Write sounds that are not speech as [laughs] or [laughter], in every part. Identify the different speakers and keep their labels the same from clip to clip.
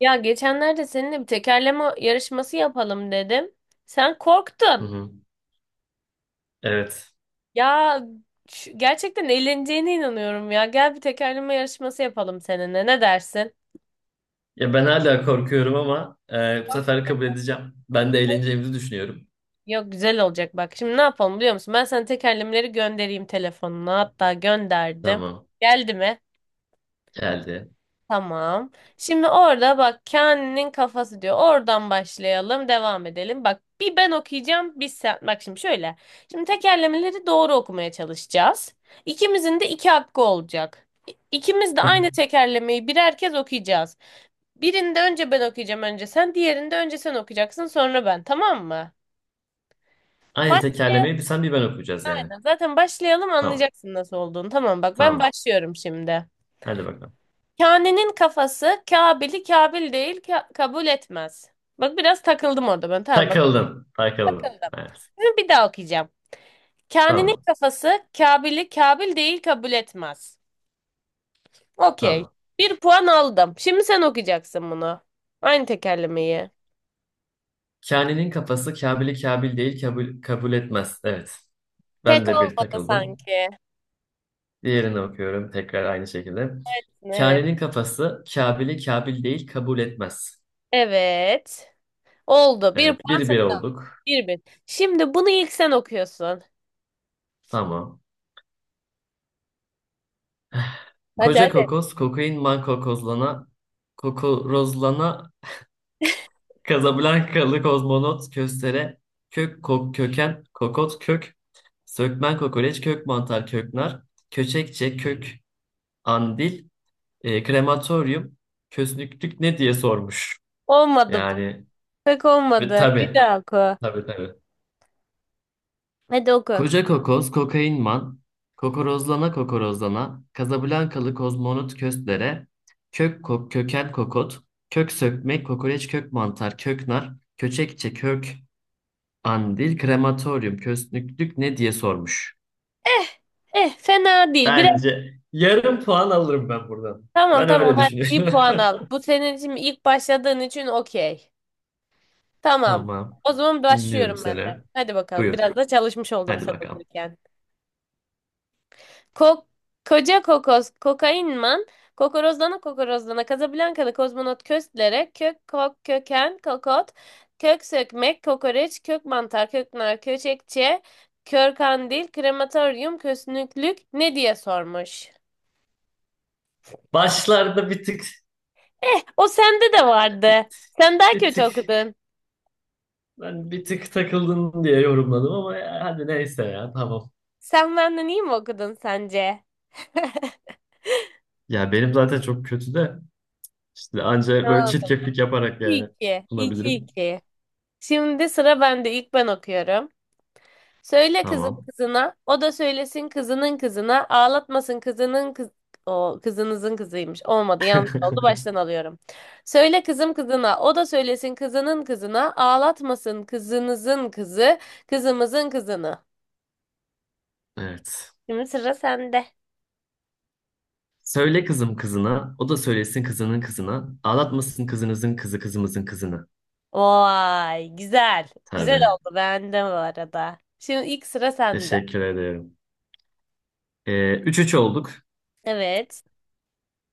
Speaker 1: Ya geçenlerde seninle bir tekerleme yarışması yapalım dedim. Sen
Speaker 2: Hı
Speaker 1: korktun.
Speaker 2: hı. Evet.
Speaker 1: Ya gerçekten eğleneceğine inanıyorum ya. Gel bir tekerleme yarışması yapalım seninle. Ne dersin?
Speaker 2: Ya ben hala korkuyorum ama bu sefer kabul edeceğim. Ben de eğleneceğimizi düşünüyorum.
Speaker 1: Yok güzel olacak bak. Şimdi ne yapalım biliyor musun? Ben sana tekerlemeleri göndereyim telefonuna. Hatta gönderdim.
Speaker 2: Tamam.
Speaker 1: Geldi mi?
Speaker 2: Geldi.
Speaker 1: Tamam. Şimdi orada bak Kaan'ın kafası diyor. Oradan başlayalım, devam edelim. Bak bir ben okuyacağım, bir sen. Bak şimdi şöyle. Şimdi tekerlemeleri doğru okumaya çalışacağız. İkimizin de iki hakkı olacak. İkimiz de aynı
Speaker 2: [laughs]
Speaker 1: tekerlemeyi birer kez okuyacağız. Birinde önce ben okuyacağım, önce sen. Diğerinde önce sen okuyacaksın, sonra ben. Tamam mı?
Speaker 2: Aynı
Speaker 1: Baş,
Speaker 2: tekerlemeyi bir sen bir ben okuyacağız yani.
Speaker 1: aynen. Zaten başlayalım
Speaker 2: Tamam.
Speaker 1: anlayacaksın nasıl olduğunu. Tamam bak ben
Speaker 2: Tamam.
Speaker 1: başlıyorum şimdi.
Speaker 2: Hadi bakalım.
Speaker 1: Kane'nin kafası Kabil'i Kabil değil kabul etmez. Bak biraz takıldım orada ben. Tamam bak
Speaker 2: Takıldın. Takıldın.
Speaker 1: takıldım.
Speaker 2: Evet.
Speaker 1: Şimdi bir daha okuyacağım. Kane'nin
Speaker 2: Tamam.
Speaker 1: kafası Kabil'i Kabil değil kabul etmez. Okey.
Speaker 2: Tamam.
Speaker 1: Bir puan aldım. Şimdi sen okuyacaksın bunu. Aynı tekerlemeyi.
Speaker 2: Kani'nin kafası Kabil'i Kabil değil kabul etmez. Evet. Ben
Speaker 1: Pek
Speaker 2: de bir
Speaker 1: olmadı
Speaker 2: takıldım.
Speaker 1: sanki.
Speaker 2: Diğerini okuyorum tekrar aynı şekilde.
Speaker 1: Evet.
Speaker 2: Kani'nin kafası Kabil'i Kabil değil kabul etmez.
Speaker 1: Evet. Oldu. Bir
Speaker 2: Evet.
Speaker 1: puan
Speaker 2: Bir bir
Speaker 1: sana.
Speaker 2: olduk.
Speaker 1: Bir bin. Şimdi bunu ilk sen okuyorsun.
Speaker 2: Tamam.
Speaker 1: Hadi
Speaker 2: Koca
Speaker 1: hadi.
Speaker 2: kokoz, kokain man kokozlana, kokorozlana, Kazablankalı kozmonot köstere, kök kok köken, kokot kök, sökmen kokoreç, kök mantar, köknar, köçekçe, kök andil, krematoryum, kösnüklük ne diye sormuş.
Speaker 1: Olmadı bu.
Speaker 2: Yani
Speaker 1: Pek
Speaker 2: ve
Speaker 1: olmadı. Bir
Speaker 2: tabii,
Speaker 1: daha oku.
Speaker 2: tabii tabii.
Speaker 1: Hadi oku.
Speaker 2: Koca kokoz, kokainman, kokorozlana kokorozlana, Kazablankalı kozmonot köstlere, kök kok, köken kokot, kök sökmek, kokoreç, kök mantar, kök nar, köçekçe, kök andil, krematoryum, kösnüklük ne diye sormuş.
Speaker 1: Eh eh fena değil. Biraz
Speaker 2: Bence yarım puan alırım ben buradan.
Speaker 1: tamam
Speaker 2: Ben
Speaker 1: tamam
Speaker 2: öyle
Speaker 1: hadi bir
Speaker 2: düşünüyorum.
Speaker 1: puan al.
Speaker 2: [laughs]
Speaker 1: Bu senin için ilk başladığın için okey. Tamam.
Speaker 2: Tamam,
Speaker 1: O zaman
Speaker 2: dinliyorum
Speaker 1: başlıyorum ben de.
Speaker 2: seni.
Speaker 1: Hadi bakalım.
Speaker 2: Buyur,
Speaker 1: Biraz da çalışmış oldum
Speaker 2: hadi
Speaker 1: sen
Speaker 2: bakalım.
Speaker 1: okurken. Ko koca kokos kokainman kokorozlana kokorozlana Casablancalı kozmonot köstlere kök kok köken kokot kök sökmek kokoreç kök mantar köknar köçekçe kör kandil krematoryum kösnüklük ne diye sormuş.
Speaker 2: Başlarda bir tık,
Speaker 1: Eh, o sende de
Speaker 2: bir,
Speaker 1: vardı. Sen daha
Speaker 2: bir
Speaker 1: kötü
Speaker 2: tık.
Speaker 1: okudun.
Speaker 2: Ben bir tık takıldın diye yorumladım ama ya, hadi neyse ya tamam.
Speaker 1: Sen benden iyi mi okudun sence? [laughs]
Speaker 2: Ya benim zaten çok kötü de işte anca böyle
Speaker 1: Tamam o zaman.
Speaker 2: çirkeflik yaparak yani
Speaker 1: İki, iki,
Speaker 2: sunabilirim.
Speaker 1: iki. Şimdi sıra bende. İlk ben okuyorum. Söyle kızım
Speaker 2: Tamam.
Speaker 1: kızına, o da söylesin kızının kızına, ağlatmasın kızının kız... O kızınızın kızıymış. Olmadı, yanlış oldu.
Speaker 2: [laughs]
Speaker 1: Baştan alıyorum. Söyle kızım kızına, o da söylesin kızının kızına, ağlatmasın kızınızın kızı, kızımızın kızını.
Speaker 2: Evet.
Speaker 1: Şimdi sıra sende.
Speaker 2: Söyle kızım kızına, o da söylesin kızının kızına. Ağlatmasın kızınızın kızı kızımızın kızını.
Speaker 1: Vay güzel. Güzel
Speaker 2: Tabii.
Speaker 1: [laughs] oldu beğendim bu arada. Şimdi ilk sıra sende.
Speaker 2: Teşekkür ederim. 3-3 olduk.
Speaker 1: Evet.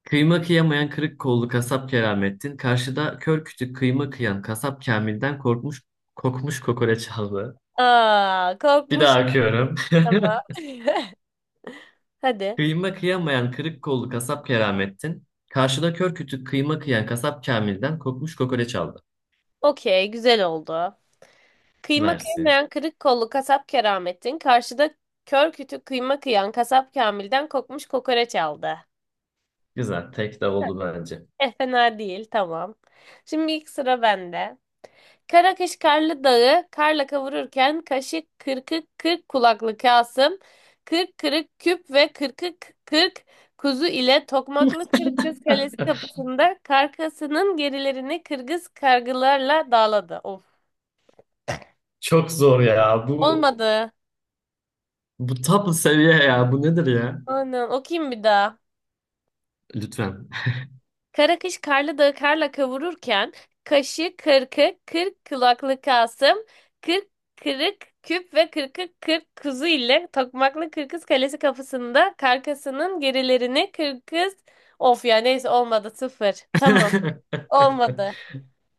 Speaker 2: Kıyma kıyamayan kırık kollu kasap Keramettin. Karşıda kör kütük kıyma kıyan kasap Kamil'den korkmuş kokmuş kokoreç aldı.
Speaker 1: Aa,
Speaker 2: Bir
Speaker 1: korkmuş
Speaker 2: daha okuyorum.
Speaker 1: ama. [laughs] Hadi.
Speaker 2: Kıyma kıyamayan kırık kollu kasap Keramettin, karşıda kör kütük kıyma kıyan kasap Kamil'den kokmuş kokoreç aldı.
Speaker 1: Okey, güzel oldu. Kıyma
Speaker 2: Versin.
Speaker 1: kıymayan kırık kollu kasap Keramettin karşıda kör kütük kıyma kıyan kasap Kamil'den kokmuş kokoreç aldı.
Speaker 2: Güzel. Tek de oldu bence.
Speaker 1: Eh fena değil, tamam. Şimdi ilk sıra bende. Karakış Karlı Dağı karla kavururken kaşık kırkık kırk kulaklı Kasım, kırk kırık küp ve kırkık kırk kuzu ile Tokmaklı Kırkız Kalesi kapısında karkasının gerilerini kırgız kargılarla dağladı. Of.
Speaker 2: Çok zor ya. Bu
Speaker 1: Olmadı.
Speaker 2: bu top seviye ya. Bu nedir ya?
Speaker 1: Aynen. Okuyayım bir daha.
Speaker 2: Lütfen.
Speaker 1: Kara kış karlı dağı karla kavururken, kaşı, kırkı, kırk kulaklı Kasım, kırk kırık küp ve kırkı kırk kuzu ile Tokmaklı Kırkız Kalesi kapısında karkasının gerilerini kırkız... Of ya neyse olmadı sıfır. Tamam olmadı.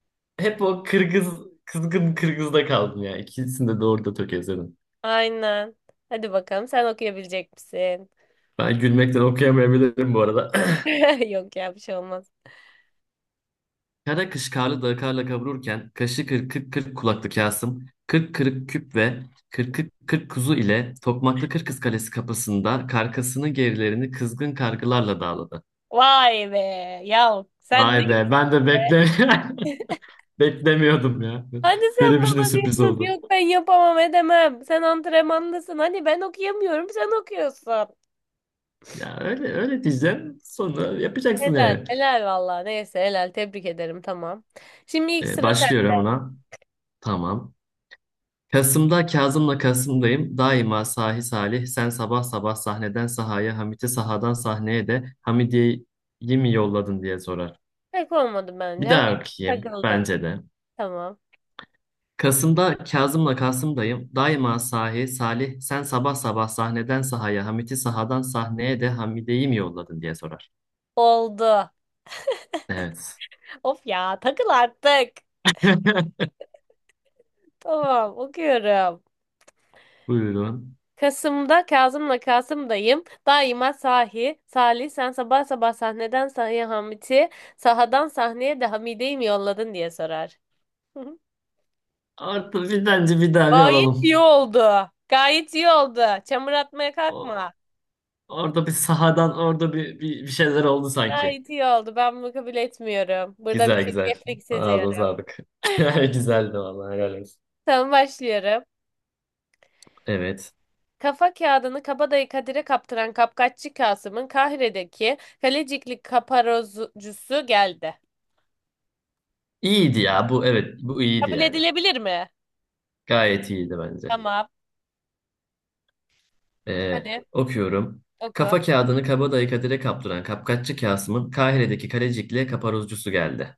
Speaker 2: [laughs] Hep o Kırgız, kızgın Kırgız'da kaldım ya. İkisini de doğru da tökezledim.
Speaker 1: Aynen. Hadi bakalım sen okuyabilecek misin?
Speaker 2: Ben gülmekten okuyamayabilirim bu arada. [clears throat]
Speaker 1: [laughs] Yok ya bir şey olmaz.
Speaker 2: Kara kış karlı dağı karla kavururken kaşı kırk kırk kırk kulaklı Kasım, kırk kırık küp ve kırk kırk kırk kuzu ile Tokmaklı Kırkız Kalesi kapısında karkasının gerilerini kızgın kargılarla dağladı.
Speaker 1: Vay be. Ya sen
Speaker 2: Vay
Speaker 1: ne
Speaker 2: be ben de [laughs] beklemiyordum ya.
Speaker 1: Hadi sen
Speaker 2: Benim için de
Speaker 1: bana
Speaker 2: sürpriz
Speaker 1: diyorsun
Speaker 2: oldu.
Speaker 1: yok ben yapamam edemem. Sen antrenmandasın. Hani ben okuyamıyorum sen okuyorsun.
Speaker 2: Ya öyle öyle diyeceğim sonra yapacaksın
Speaker 1: Helal.
Speaker 2: yani.
Speaker 1: Helal valla. Neyse helal. Tebrik ederim. Tamam. Şimdi ilk sıra
Speaker 2: Başlıyorum
Speaker 1: sende.
Speaker 2: ona. Tamam. Kasım'da Kazım'la Kasım'dayım. Daima sahi salih. Sen sabah sabah sahneden sahaya, Hamit'i sahadan sahneye de Hamidiye'yi mi yolladın diye sorar.
Speaker 1: Pek olmadı bence.
Speaker 2: Bir
Speaker 1: Hem de
Speaker 2: daha okuyayım.
Speaker 1: takıldın.
Speaker 2: Bence de.
Speaker 1: Tamam.
Speaker 2: Kasım'da Kazım'la Kasım'dayım. Daima sahi salih. Sen sabah sabah sahneden sahaya, Hamit'i sahadan sahneye de Hamidiye'yi mi yolladın diye sorar.
Speaker 1: Oldu.
Speaker 2: Evet.
Speaker 1: Of ya takıl artık.
Speaker 2: [laughs]
Speaker 1: Tamam okuyorum.
Speaker 2: Buyurun.
Speaker 1: Kasım'da Kazım'la Kasım'dayım. Daima sahi. Salih sen sabah sabah sahneden sahaya Hamit'i, sahadan sahneye de Hamide'yi mi yolladın diye sorar. [laughs]
Speaker 2: Orada bir bence bir daha bir
Speaker 1: Gayet iyi
Speaker 2: alalım.
Speaker 1: oldu. Gayet iyi oldu. Çamur atmaya
Speaker 2: O-
Speaker 1: kalkma.
Speaker 2: Orada bir sahadan orada bir şeyler oldu sanki.
Speaker 1: Gayet iyi oldu. Ben bunu kabul etmiyorum. Burada bir
Speaker 2: Güzel güzel.
Speaker 1: çirkeflik
Speaker 2: Ağzına
Speaker 1: seziyorum.
Speaker 2: sağlık. [laughs] Güzeldi vallahi helal olsun.
Speaker 1: Tamam başlıyorum.
Speaker 2: Evet.
Speaker 1: Kafa kağıdını kabadayı Kadir'e kaptıran kapkaççı Kasım'ın Kahire'deki kalecikli kaparozcusu geldi.
Speaker 2: İyiydi ya bu evet bu iyiydi
Speaker 1: Kabul
Speaker 2: yani.
Speaker 1: edilebilir mi?
Speaker 2: Gayet iyiydi bence.
Speaker 1: Tamam. Hadi
Speaker 2: Okuyorum.
Speaker 1: oku.
Speaker 2: Kafa kağıdını kabadayı Kadir'e kaptıran kapkaççı Kasım'ın Kahire'deki kalecikle kaparuzcusu geldi.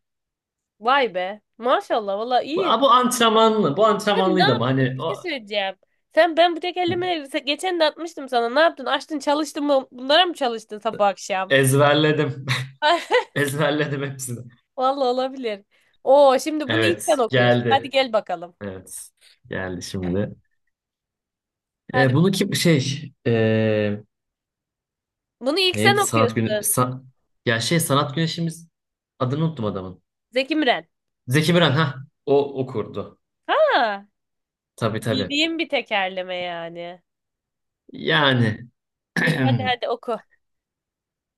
Speaker 1: Vay be. Maşallah valla
Speaker 2: Bu,
Speaker 1: iyi.
Speaker 2: a, bu antrenmanlı. Bu
Speaker 1: Sen ne
Speaker 2: antrenmanlıydı ama
Speaker 1: yaptın? Bir
Speaker 2: hani
Speaker 1: şey
Speaker 2: o,
Speaker 1: söyleyeceğim. Sen ben bu tek elime geçen de atmıştım sana. Ne yaptın? Açtın çalıştın mı? Bunlara mı çalıştın sabah akşam?
Speaker 2: ezberledim. [laughs]
Speaker 1: [laughs]
Speaker 2: Ezberledim hepsini.
Speaker 1: Vallahi olabilir. Oo şimdi bunu ilk sen
Speaker 2: Evet
Speaker 1: okuyorsun. Hadi
Speaker 2: geldi.
Speaker 1: gel bakalım.
Speaker 2: Evet geldi şimdi.
Speaker 1: Hadi.
Speaker 2: Bunu kim şey
Speaker 1: Bunu ilk sen
Speaker 2: Neydi sanat günü?
Speaker 1: okuyorsun.
Speaker 2: Ya şey sanat güneşimiz adını unuttum adamın.
Speaker 1: Zeki Müren.
Speaker 2: Zeki Müren ha o okurdu.
Speaker 1: Ha,
Speaker 2: Tabii tabii.
Speaker 1: bildiğim bir tekerleme yani.
Speaker 2: Yani
Speaker 1: İyi hadi
Speaker 2: [clears throat]
Speaker 1: hadi oku.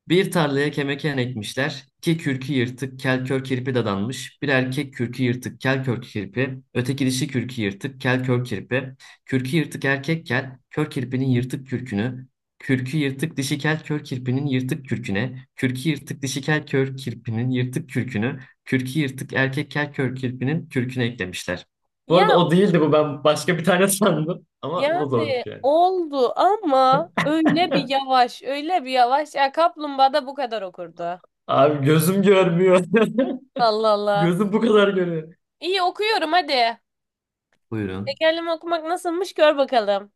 Speaker 2: Bir tarlaya kemeken ekmişler. İki kürkü yırtık kel kör kirpi dadanmış. Bir erkek kürkü yırtık kel kör kirpi. Öteki dişi kürkü yırtık kel kör kirpi. Kürkü yırtık erkek kel. Kör kirpinin yırtık kürkünü. Kürkü yırtık dişi kel kör kirpinin yırtık kürküne. Kürkü yırtık dişi kel kör kirpinin yırtık kürkünü. Kürkü yırtık erkek kel kör kirpinin kürküne eklemişler. Bu
Speaker 1: Ya
Speaker 2: arada o değildi bu. Ben başka bir tane [laughs] sandım. Ama bu da
Speaker 1: Yani
Speaker 2: zormuş yani.
Speaker 1: oldu ama öyle bir yavaş, öyle bir yavaş. Ya kaplumbağa da bu kadar okurdu.
Speaker 2: Abi gözüm görmüyor.
Speaker 1: Allah
Speaker 2: [laughs]
Speaker 1: Allah.
Speaker 2: Gözüm bu kadar görüyor.
Speaker 1: İyi okuyorum hadi.
Speaker 2: Buyurun.
Speaker 1: Tekerleme okumak nasılmış gör bakalım.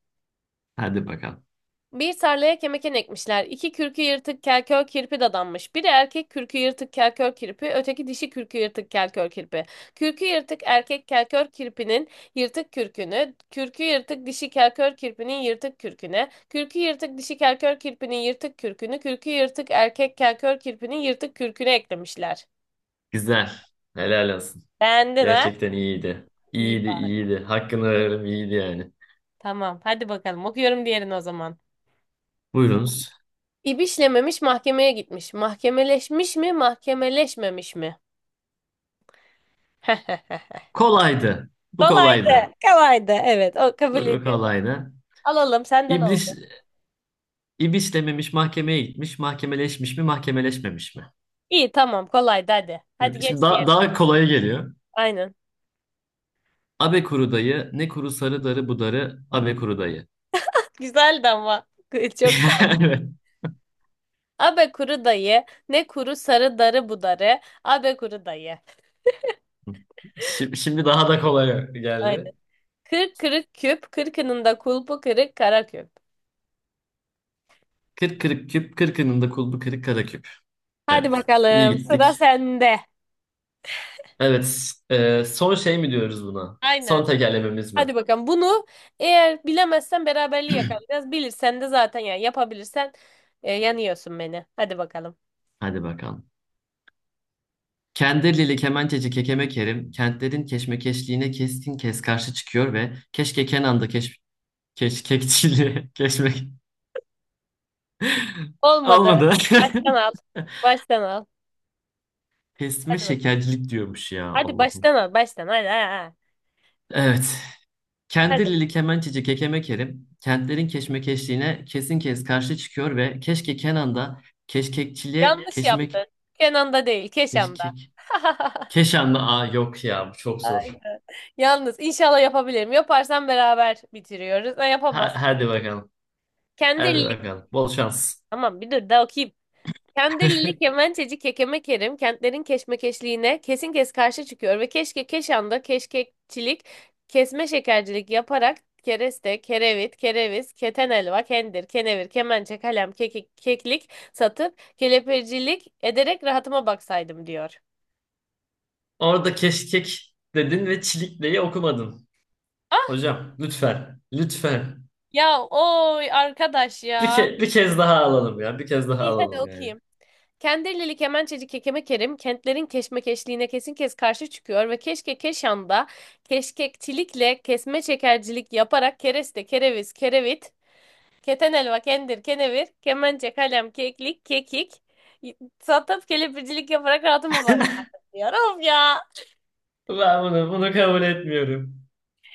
Speaker 2: Hadi bakalım.
Speaker 1: Bir tarlaya kemeken ekmişler. İki kürkü yırtık kelkör kirpi dadanmış. Biri erkek kürkü yırtık kelkör kirpi, öteki dişi kürkü yırtık kelkör kirpi. Kürkü yırtık erkek kelkör kirpinin yırtık kürkünü, kürkü yırtık dişi kelkör kirpinin yırtık kürküne, kürkü yırtık dişi kelkör kirpinin yırtık kürkünü, kürkü yırtık erkek kelkör kirpinin yırtık kürküne eklemişler.
Speaker 2: Güzel. Helal olsun.
Speaker 1: Beğendin ha?
Speaker 2: Gerçekten iyiydi.
Speaker 1: İyi
Speaker 2: İyiydi,
Speaker 1: bak.
Speaker 2: iyiydi. Hakkını veririm, iyiydi yani.
Speaker 1: Tamam. Hadi bakalım. Okuyorum diğerini o zaman.
Speaker 2: Buyurunuz.
Speaker 1: İbişlememiş mahkemeye gitmiş. Mahkemeleşmiş mi, mahkemeleşmemiş mi? [laughs]
Speaker 2: Kolaydı. Bu
Speaker 1: Kolaydı.
Speaker 2: kolaydı.
Speaker 1: Kolaydı. Evet. O
Speaker 2: Bu
Speaker 1: kabul
Speaker 2: bu
Speaker 1: ediyorum.
Speaker 2: kolaydı.
Speaker 1: Alalım. Senden alalım.
Speaker 2: İblis, ibis dememiş mahkemeye gitmiş. Mahkemeleşmiş mi, mahkemeleşmemiş mi?
Speaker 1: İyi tamam. Kolaydı hadi. Hadi
Speaker 2: Şimdi
Speaker 1: geç
Speaker 2: şimdi daha,
Speaker 1: diyelim.
Speaker 2: daha kolaya geliyor.
Speaker 1: Aynen.
Speaker 2: Abe kuru dayı, ne kuru sarı darı bu darı, abe kuru dayı.
Speaker 1: [laughs] Güzeldi ama. [laughs] Çok kaldı.
Speaker 2: [laughs] Evet.
Speaker 1: Abe kuru dayı. Ne kuru sarı darı budarı. Abe kuru dayı.
Speaker 2: Şimdi daha da kolay
Speaker 1: Aynen.
Speaker 2: geldi.
Speaker 1: Kırk kırık küp. Kırkının da kulpu kırık kara küp.
Speaker 2: Kırk kırık küp, kırkının da kulbu kırık kara küp.
Speaker 1: Hadi
Speaker 2: Evet. İyi
Speaker 1: bakalım. Sıra
Speaker 2: gittik.
Speaker 1: sende.
Speaker 2: Evet. Son şey mi diyoruz buna? Son
Speaker 1: Aynen.
Speaker 2: tekerlememiz mi?
Speaker 1: Hadi bakalım. Bunu eğer bilemezsen beraberliği yakalayacağız. Bilirsen de zaten yani yapabilirsen yanıyorsun beni. Hadi bakalım.
Speaker 2: Hadi bakalım. Kendirlili kemençeci Kekeme Kerim kentlerin keşmekeşliğine keskin kes karşı çıkıyor ve keşke Kenan'da keş, keşkekçiliğe [laughs] keşmek [laughs]
Speaker 1: Olmadı.
Speaker 2: olmadı.
Speaker 1: Baştan
Speaker 2: [laughs]
Speaker 1: al. Baştan al.
Speaker 2: Kesme
Speaker 1: Hadi bak.
Speaker 2: şekercilik diyormuş ya
Speaker 1: Hadi
Speaker 2: Allah'ım.
Speaker 1: baştan al. Baştan. Hadi. Ha, ha.
Speaker 2: Evet.
Speaker 1: Hadi.
Speaker 2: Kendirlili kemençeci Kekeme Kerim kentlerin keşmekeşliğine kesin kez karşı çıkıyor ve keşke Kenan'da keşkekçiliğe
Speaker 1: Yanlış
Speaker 2: keşmek
Speaker 1: yaptın. Kenan'da değil. Keşan'da.
Speaker 2: keşkek
Speaker 1: [laughs]
Speaker 2: Keşanlı A yok ya bu çok zor.
Speaker 1: Aynen. Yalnız inşallah yapabilirim. Yaparsam beraber bitiriyoruz. Ha, yapamazsan.
Speaker 2: Hadi bakalım.
Speaker 1: Kendi
Speaker 2: Hadi
Speaker 1: elini.
Speaker 2: bakalım. Bol şans.
Speaker 1: Tamam bir dur daha okuyayım. Kendirlili
Speaker 2: [laughs]
Speaker 1: kemençeci Kekeme Kerim kentlerin keşmekeşliğine kesin kes karşı çıkıyor ve keşke Keşan'da keşkekçilik, kesme şekercilik yaparak kereste, kerevit, kereviz, keten elva, kendir, kenevir, kemençe, kalem, kekik, keklik satıp kelepircilik ederek rahatıma baksaydım diyor.
Speaker 2: Orada keşkek dedin ve çilikleyi okumadın.
Speaker 1: Ah
Speaker 2: Hocam lütfen. Lütfen.
Speaker 1: ya oy arkadaş ya.
Speaker 2: Bir kez daha alalım ya. Bir kez daha
Speaker 1: İyi hadi
Speaker 2: alalım yani.
Speaker 1: okuyayım. Kendirlili Kemençeci Kekeme Kerim kentlerin keşmekeşliğine kesin kes karşı çıkıyor ve keşke Keşan'da keşkekçilikle kesme çekercilik yaparak kereste, kereviz, kerevit, keten elva, kendir, kenevir, kemençe, kalem, keklik, kekik, satıp kelepircilik yaparak rahatıma bak
Speaker 2: [laughs]
Speaker 1: diyor. Of ya.
Speaker 2: Ben bunu kabul etmiyorum.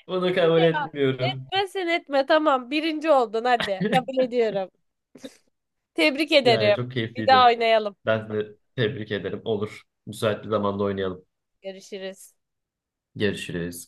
Speaker 2: Bunu
Speaker 1: İyi
Speaker 2: kabul
Speaker 1: ya.
Speaker 2: etmiyorum.
Speaker 1: Etme sen etme tamam birinci oldun hadi. Kabul
Speaker 2: [laughs]
Speaker 1: ediyorum. Tebrik ederim.
Speaker 2: Yani çok
Speaker 1: Bir daha
Speaker 2: keyifliydi.
Speaker 1: oynayalım.
Speaker 2: Ben de tebrik ederim. Olur. Müsait bir zamanda oynayalım.
Speaker 1: Görüşürüz.
Speaker 2: Görüşürüz.